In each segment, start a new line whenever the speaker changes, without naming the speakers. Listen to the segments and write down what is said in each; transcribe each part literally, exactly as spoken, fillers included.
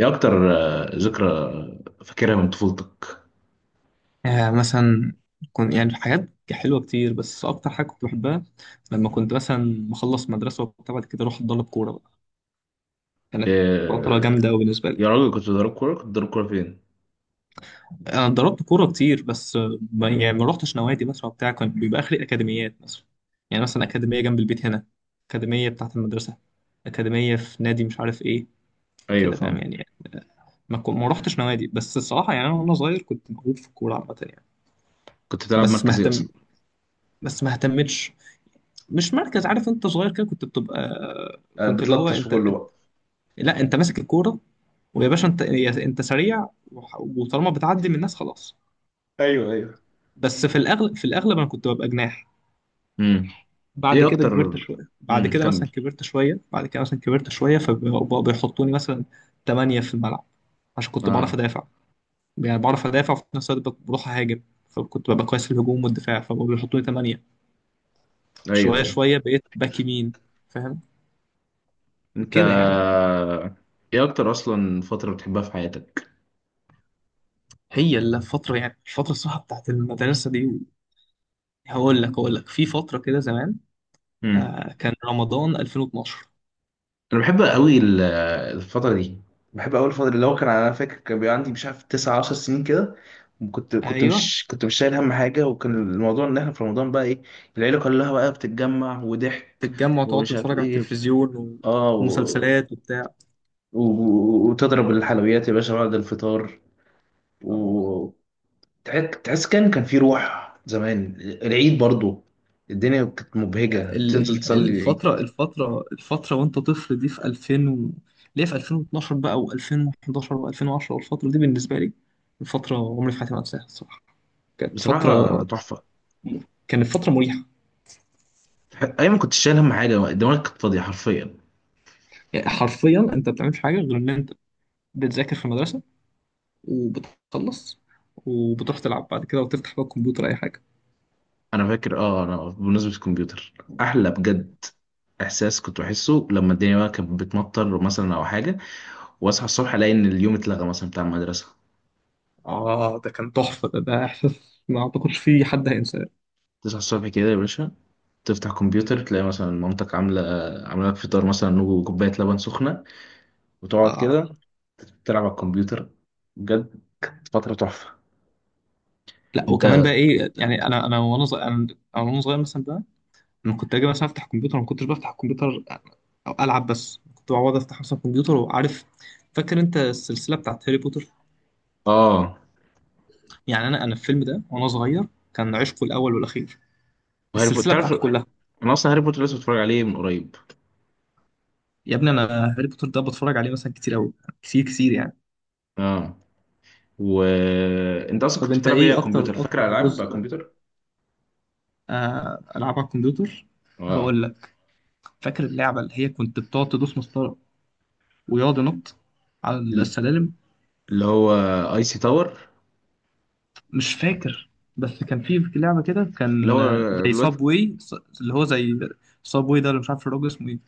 ايه اكتر؟ آه، ذكرى. فاكرها من طفولتك؟
يعني مثلا، كنت يعني حاجات حلوة كتير، بس أكتر حاجة كنت بحبها لما كنت مثلا بخلص مدرسة وبتاع، بعد كده أروح أتدرب كورة بقى. كانت فترة
إيه.
جامدة أوي بالنسبة لي.
يا راجل، كنت بتضرب كوره كنت بتضرب كوره فين؟
أنا اتدربت كورة كتير، بس آه، ما يعني ما روحتش نوادي مثلا وبتاع. كان بيبقى آخري أكاديميات مثلا، يعني مثلا أكاديمية جنب البيت هنا، أكاديمية بتاعة المدرسة، أكاديمية في نادي مش عارف إيه،
ايوه،
كده فاهم
فاهم.
يعني. آه، ما كن- ما روحتش نوادي، بس الصراحة يعني أنا وأنا صغير كنت موهوب في الكورة عامة يعني.
كنت بتلعب
بس ما
مركز ايه
اهتم
اصلا؟
بس ما اهتمتش. مش مركز، عارف انت صغير كده كنت بتبقى،
آه،
كنت اللي هو
بتلطش في
انت،
كله بقى.
لا انت ماسك الكوره ويا باشا انت يا- انت سريع، وح- وطالما بتعدي من الناس خلاص.
ايوه، ايوه.
بس في الاغلب في الاغلب انا كنت ببقى جناح.
امم.
بعد
ايه
كده
اكتر؟
كبرت شويه بعد
امم
كده مثلا
كمل.
كبرت شويه بعد كده مثلا كبرت شويه، فبقوا بيحطوني مثلا تمانية في الملعب، عشان كنت بعرف
اه.
ادافع، يعني بعرف ادافع وفي نفس الوقت بق- بروح اهاجم، فكنت ببقى كويس في الهجوم والدفاع، فبقوا بيحطوني تمانية.
ايوه،
شويه
ايوه.
شويه بقيت باك يمين، فاهم،
انت
كده يعني.
آه، ايه اكتر اصلا فتره بتحبها في حياتك؟
هي الفترة يعني الفترة الصراحة بتاعت المدرسة دي. هقول لك هقول لك، في فترة كده زمان.
امم.
آه كان رمضان ألفين واتناشر.
انا بحب قوي ال- الفتره دي. بحب قوي الفتره اللي هو، كان انا فاكر كان بيبقى عندي مش عارف تسع عشر سنين كده. كنت كنت
ايوه،
مش كنت مش شايل هم حاجه، وكان الموضوع ان احنا في رمضان بقى، ايه، العيله كلها بقى بتتجمع وضحك
تتجمع وتقعد
ومش عارف
تتفرج على
ايه.
التلفزيون،
اه، و...
ومسلسلات وبتاع.
و... و- وتضرب الحلويات يا باشا بعد الفطار.
آه
و تح- تحس كان كان في روح زمان العيد برضو. الدنيا كانت مبهجه
ال-
تنزل
ال-
تصلي العيد.
الفترة الفترة الفترة وانت طفل دي في ألفين و... ليه، في ألفين واتناشر بقى و2011 و2010، والفترة دي بالنسبة لي الفترة عمري في حياتي ما انساها الصراحة. كانت
بصراحه
فترة
تحفه.
كانت فترة مريحة.
ايام ما كنتش شايل هم حاجه، دماغك كانت فاضيه حرفيا.
يعني حرفيا انت ما بتعملش حاجة غير ان انت بتذاكر في المدرسة، وبتخلص، وبتروح تلعب بعد كده، وتفتح بقى الكمبيوتر، أي حاجة.
انا فاكر، اه انا بمناسبه الكمبيوتر، احلى بجد احساس كنت بحسه لما الدنيا بقى كانت بتمطر مثلا او حاجه، واصحى الصبح الاقي ان اليوم اتلغى مثلا بتاع المدرسه.
آه، ده كان تحفة، ده ده إحساس ما أعتقدش فيه حد هينساه.
تصحى الصبح كده يا باشا، تفتح كمبيوتر، تلاقي مثلا مامتك عامله عامله لك فطار مثلا وكوبايه لبن سخنه، وتقعد
آه،
كده تلعب على الكمبيوتر. بجد فتره تحفه.
لا،
انت
وكمان بقى إيه، يعني أنا أنا وأنا صغير أنا أنا وأنا صغير مثلا بقى، أنا كنت أجي مثلا أفتح الكمبيوتر، ما كنتش بفتح الكمبيوتر أو ألعب، بس كنت بقعد أفتح مثلا الكمبيوتر وعارف. فاكر أنت السلسلة بتاعت هاري بوتر؟
اه
يعني أنا أنا الفيلم ده وأنا صغير كان عشقه الأول والأخير،
وهاري بوتر،
السلسلة
تعرف؟
بتاعته كلها.
انا اصلا هاري بوتر لسه بتفرج عليه من قريب.
يا ابني أنا هاري بوتر ده بتفرج عليه مثلا كتير أوي، كتير كتير يعني.
اه. وانت اصلا
طب
كنت
انت
بتلعب ايه على
ايه
الكمبيوتر؟
اكتر اكتر
فاكر العاب على
جزء؟
الكمبيوتر؟
آه، العاب على الكمبيوتر،
اه.
هقول لك. فاكر اللعبه اللي هي كنت بتقعد تدوس مسطره، ويقعد ينط على السلالم؟
اللي هو اي سي تاور.
مش فاكر، بس كان في في لعبه كده،
اللي
كان
هو
آه، زي صاب
الواد،
واي. اللي هو زي صاب واي ده، اللي مش عارف الراجل اسمه ايه،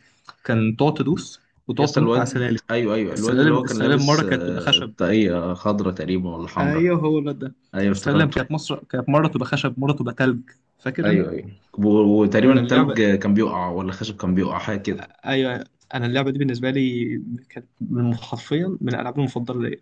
كان تقعد تدوس وتقعد
يس،
تنط على
الواد،
سلالم.
ايوه، ايوه، الواد اللي
السلالم
هو كان
السلالم
لابس
مره كانت تبقى
آه،
خشب.
طاقية خضرة تقريبا، ولا حمرا؟
ايوه، هو الواد ده.
ايوه،
السلالم
افتكرته.
كانت مصر كانت مره تبقى خشب مره تبقى تلج، فاكر انت؟
ايوه، ايوه، و- وتقريبا
انا اللعبه
التلج كان بيقع ولا الخشب كان بيقع، حاجة كده.
ايوه انا اللعبه دي بالنسبه لي كانت من حرفيا من الالعاب المفضله ليا.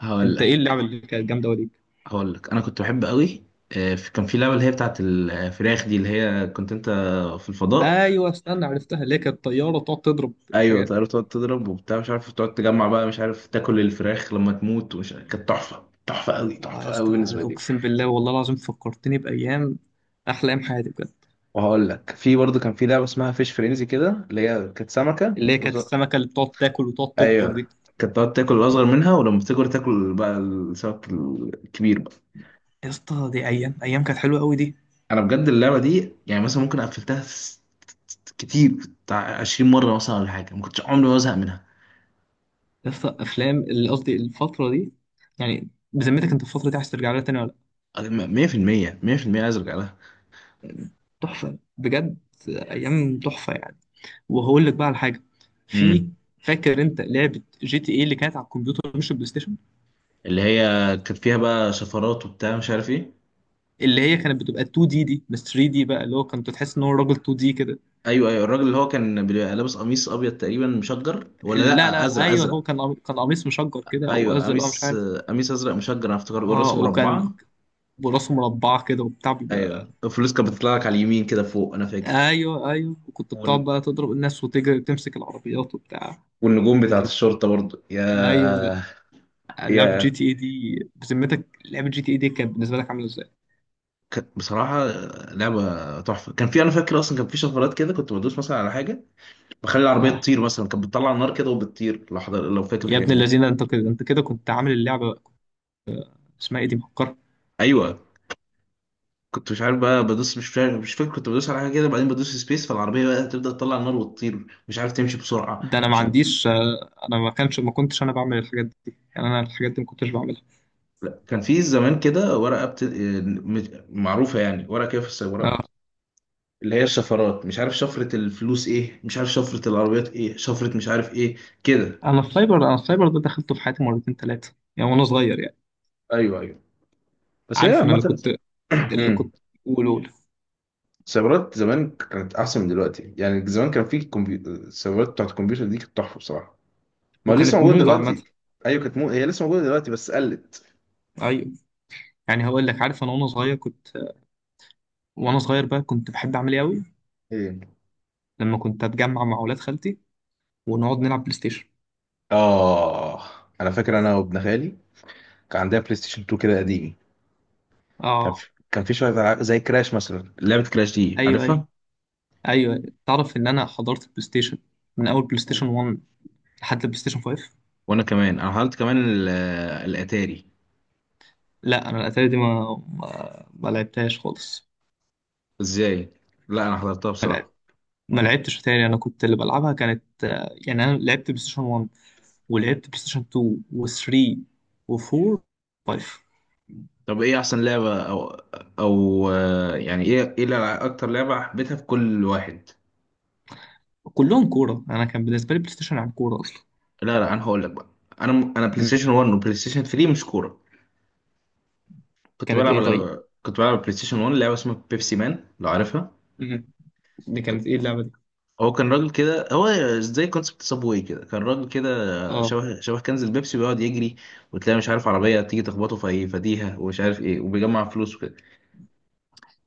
هقول
انت
لك
ايه اللعبه اللي كانت جامده وليك؟
هقول لك انا كنت بحب قوي آه، في- كان في لعبة اللي هي بتاعت الفراخ دي، اللي هي كنت انت في الفضاء.
ايوه، استنى، عرفتها، اللي هي كانت طياره تقعد تضرب
ايوه،
الحاجات.
طيارة تقعد تضرب وبتاع، مش عارف، تقعد تجمع بقى، مش عارف، تاكل الفراخ لما تموت، ومش، كانت تحفة، تحفة قوي،
اه
تحفة
يا
قوي
اسطى،
بالنسبة لي.
اقسم بالله والله العظيم فكرتني بايام، احلى ايام حياتي بجد.
وهقول لك، في برضه كان في لعبه اسمها فيش فرينزي كده، اللي هي كانت سمكه
اللي هي
وز...
كانت السمكه اللي بتقعد تاكل وتقعد تكبر
ايوه،
دي.
كانت تقعد تاكل الاصغر منها، ولما بتكبر تاكل بقى السمك الكبير بقى.
يا اسطى، دي ايام، ايام كانت حلوه قوي دي.
انا بجد اللعبه دي يعني مثلا ممكن قفلتها، س-، كتير، بتاع عشرين مره مثلا ولا حاجه، ما كنتش عمري ما ازهق منها.
يا اسطى، افلام، اللي قصدي الفتره دي. يعني بذمتك انت، الفتره دي عايز ترجع لها تاني ولا لأ؟
مية في المية، مية في المية عايز ارجع لها.
تحفه بجد، ايام تحفه يعني. وهقول لك بقى على حاجه، في.
امم.
فاكر انت لعبه جي تي اي اللي كانت على الكمبيوتر، مش البلاي ستيشن،
اللي هي كانت فيها بقى شفرات وبتاع، مش عارف ايه.
اللي هي كانت بتبقى اتنين دي دي بس، تلاتة دي بقى اللي هو كنت تحس ان هو راجل اتنين دي كده.
ايوه، ايوه، الراجل اللي هو كان بيبقى لابس قميص ابيض تقريبا مشجر، ولا
لا
لا،
لا،
ازرق،
ايوه، هو
ازرق.
كان قمي- كان قميص مشجر كده، او
ايوه،
ازرق بقى مش
قميص
عارف.
قميص ازرق مشجر انا افتكر، والراسه
اه، وكان
مربعه.
براسه مربعه كده وبتاع بيبقى.
ايوه، الفلوس كانت بتطلع لك على اليمين كده فوق، انا فاكر.
ايوه ايوه، وكنت بتقعد
والن-
بقى تضرب الناس، وتجري، وتمسك العربيات وبتاع.
والنجوم بتاعت
كان،
الشرطه برضو،
ايوه
يا،
لا، لعبه جي
يا،
تي اي دي، بذمتك لعبه جي تي اي دي كانت بالنسبه لك عامله ازاي؟
ك- بصراحه لعبه تحفه. كان في، انا فاكر اصلا، كان في شفرات كده، كنت بدوس مثلا على حاجه بخلي العربيه
اه
تطير مثلا، كانت بتطلع النار كده وبتطير لو حضر لو فاكر
يا
الحاجات
ابن
دي.
الذين، انت كده انت كده كنت عامل اللعبه، اسمها ايه دي، مفكرة؟
ايوه، كنت مش عارف بقى بدوس، مش فاكر مش فاكر كنت بدوس على حاجه كده، بعدين بدوس سبيس فالعربيه بقى تبدا تطلع النار وتطير، مش عارف تمشي بسرعه،
ده انا ما
مش عارف.
عنديش، آه، انا ما كانش ما كنتش انا بعمل الحاجات دي، يعني انا الحاجات دي ما كنتش بعملها.
لا، كان في زمان كده ورقة بت... آه، مش- معروفة يعني، ورقة كده في السيارات،
اه،
اللي هي الشفرات، مش عارف شفرة الفلوس ايه، مش عارف شفرة العربيات ايه، شفرة مش عارف ايه، كده.
انا السايبر انا السايبر ده دخلته في حياتي مرتين ثلاثة يعني وانا صغير يعني.
ايوه، ايوه، بس هي
عارف، انا اللي
عامة.
كنت اللي
مم.
كنت. قول.
السيارات زمان كانت احسن من دلوقتي، يعني زمان كان في كمبيوتر، السيارات بتاعت الكمبيوتر دي كانت تحفة بصراحة. ما هو لسه
وكانت
موجودة
موضة
دلوقتي.
عامة.
ايوه، كانت مو... هي لسه موجودة دلوقتي بس قلت.
ايوه، يعني هقول لك، عارف انا وانا صغير كنت، وانا صغير بقى كنت بحب اعمل ايه قوي؟
ايه.
لما كنت اتجمع مع اولاد خالتي ونقعد نلعب بلاي ستيشن.
اه، انا فاكر انا وابن خالي كان عندنا بلاي ستيشن تو كده قديم. كان في
اه،
كان في شويه ألعاب زي كراش مثلا. لعبه كراش دي
ايوه ايوه
عارفها؟
ايوه، تعرف ان انا حضرت البلاي ستيشن من اول بلاي ستيشن واحد لحد البلاي ستيشن خمسة.
وانا كمان، انا حضرت كمان ال- الاتاري.
لا، انا الاتاري دي ما ما, ما لعبتهاش خالص.
ازاي؟ لا، انا حضرتها
ما لعب-
بصراحه.
ما لعبتش اتاري. انا كنت اللي بلعبها كانت، آه، يعني انا لعبت بلاي ستيشن واحد، ولعبت بلاي ستيشن اتنين و3 و4 و5.
طب ايه احسن لعبه، او او آه، يعني ايه ايه الألع- اكتر لعبه حبيتها في كل واحد؟
كلهم كوره، انا كان بالنسبه لي بلاي ستيشن عن كوره اصلا.
لا، لا، انا هقول لك بقى، انا انا بلاي
مم.
ستيشن وان وبلاي ستيشن ثري مش كوره. كنت
كانت
بلعب
ايه طيب؟
على كنت بلعب على بلاي ستيشن وان لعبه اسمها بيبسي مان لو عارفها.
مم. دي كانت ايه اللعبه دي؟
هو كان راجل كده، هو زي كونسبت صابواي كده، كان راجل كده
اه.
شبه شبه كنز البيبسي، بيقعد يجري، وتلاقي مش عارف عربية تيجي تخبطه في أي فديها ومش عارف ايه، وبيجمع فلوس وكده.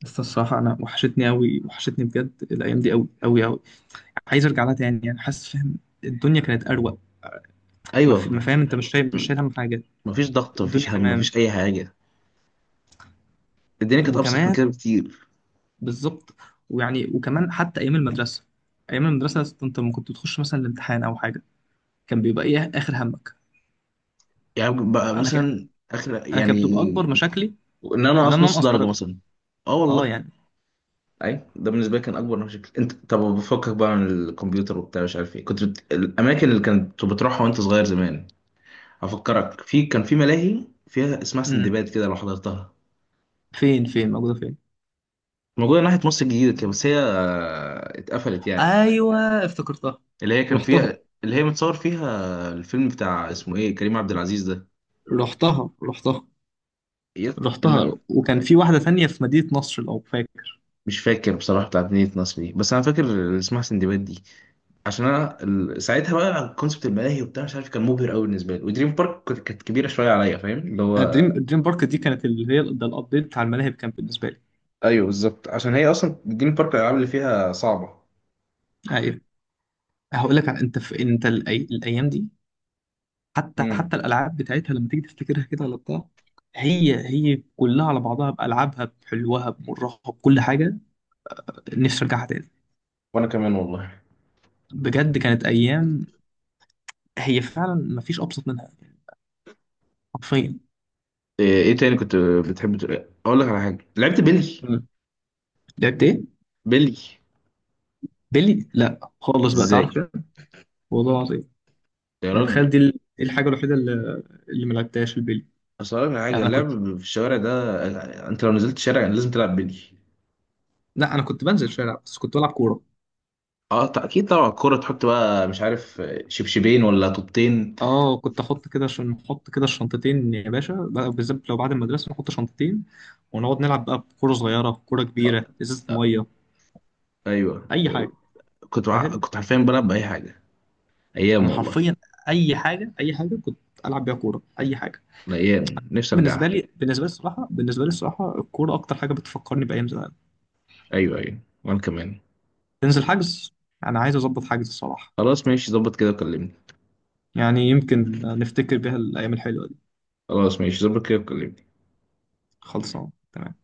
بس الصراحه انا وحشتني قوي، وحشتني بجد الايام دي، قوي قوي قوي. عايز ارجع لها تاني يعني، حاسس فاهم. الدنيا كانت اروق. ما في- ما
ايوه.
فاهم انت، مش شايل مش
م-
شايل هم حاجه.
مفيش ضغط، مفيش
الدنيا
هم،
تمام.
مفيش اي حاجة. الدنيا كانت ابسط من
وكمان،
كده بكتير.
بالظبط. ويعني وكمان حتى ايام المدرسه ايام المدرسه انت لما كنت بتخش مثلا الامتحان او حاجه، كان بيبقى ايه اخر همك؟
يعني بقى
انا ك...
مثلا اخر،
انا كانت
يعني
بتبقى اكبر مشاكلي
ان انا
ان
اقص
انا
نص
انقص
درجة
درجه.
مثلا. اه،
اه
والله.
يعني.
اي ده بالنسبة لي كان اكبر مشكلة. انت طب، بفكك بقى من الكمبيوتر وبتاع، مش عارف ايه، كنت بت... الاماكن اللي كنت بتروحها وانت صغير زمان؟ هفكرك، في كان في ملاهي فيها اسمها
امم
سندباد كده، لو حضرتها.
فين فين موجوده فين؟
موجودة ناحية مصر الجديدة كده، بس هي آه، اتقفلت يعني.
ايوه، افتكرتها.
اللي هي كان
رحتها
فيها، اللي هي متصور فيها الفيلم بتاع اسمه ايه، كريم عبد العزيز ده.
رحتها رحتها
إيه؟ الم...
رحتها، وكان في واحده ثانيه في مدينه نصر لو فاكر.
مش فاكر بصراحة بتاعت مدينة نصر دي، بس أنا فاكر اللي اسمها سندباد دي. عشان أنا ال... ساعتها بقى كونسبت الملاهي وبتاع، مش عارف، كان مبهر أوي بالنسبة لي، ودريم بارك كنت- كانت كبيرة شوية عليا، فاهم اللي هو.
الدريم الدريم بارك دي كانت اللي هي ده الابديت بتاع الملاهي كان بالنسبه لي.
أيوه بالظبط، عشان هي أصلا دريم بارك الألعاب اللي فيها صعبة.
ايوه، هقول لك على- انت في انت الأي... الايام دي. حتى
امم.
حتى الالعاب بتاعتها لما تيجي تفتكرها كده ولا بتاع، هي هي كلها على بعضها، بألعابها بحلوها بمرها بكل حاجة، نفسي أرجعها تاني.
وأنا كمان والله.
بجد كانت أيام، هي فعلا مفيش أبسط منها، حرفيا.
ايه إيه تاني كنت بتحب؟ ت- اقول لك على حاجه، لعبت بيلي؟
مم. لعبت إيه؟
بيلي؟
بيلي؟ لا خالص، بقى
ازاي؟
تعرف كده، والله العظيم.
يا
يعني
راجل،
تخيل دي ال- دي الحاجة الوحيدة اللي اللي ما لعبتهاش، البيلي.
اصل أقول لك على
يعني
حاجه،
أنا كنت
اللعب في الشوارع ده انت لو نزلت الشارع لازم تلعب بيلي.
لا أنا كنت بنزل الشارع بس كنت بلعب كورة.
اه، ط- اكيد طبعا الكوره، تحط بقى مش عارف شبشبين ولا طوبتين.
اه، كنت احط كده، عشان نحط كده الشنطتين، يا باشا، بقى بالذات لو بعد المدرسه نحط شنطتين، ونقعد نلعب بقى بكوره صغيره، بكوره
آه.
كبيره، ازازه
آه.
ميه،
ايوه.
اي حاجه،
كنت ع-
فاهم.
كنت حرفيا بلعب باي حاجه.
انا
ايام والله.
حرفيا اي حاجه، اي حاجه كنت العب بيها كوره، اي حاجه.
الايام نفسي
بالنسبه
ارجعها.
لي بالنسبه لي الصراحه بالنسبه لي الصراحه الكوره اكتر حاجه بتفكرني بايام زمان.
ايوه، ايوه، وانا كمان.
تنزل حجز، انا عايز اظبط حجز الصراحه،
خلاص ماشي، ظبط كده وكلمني.
يعني يمكن نفتكر بيها الايام الحلوه دي.
خلاص ماشي، ظبط كده وكلمني.
خلصان تمام.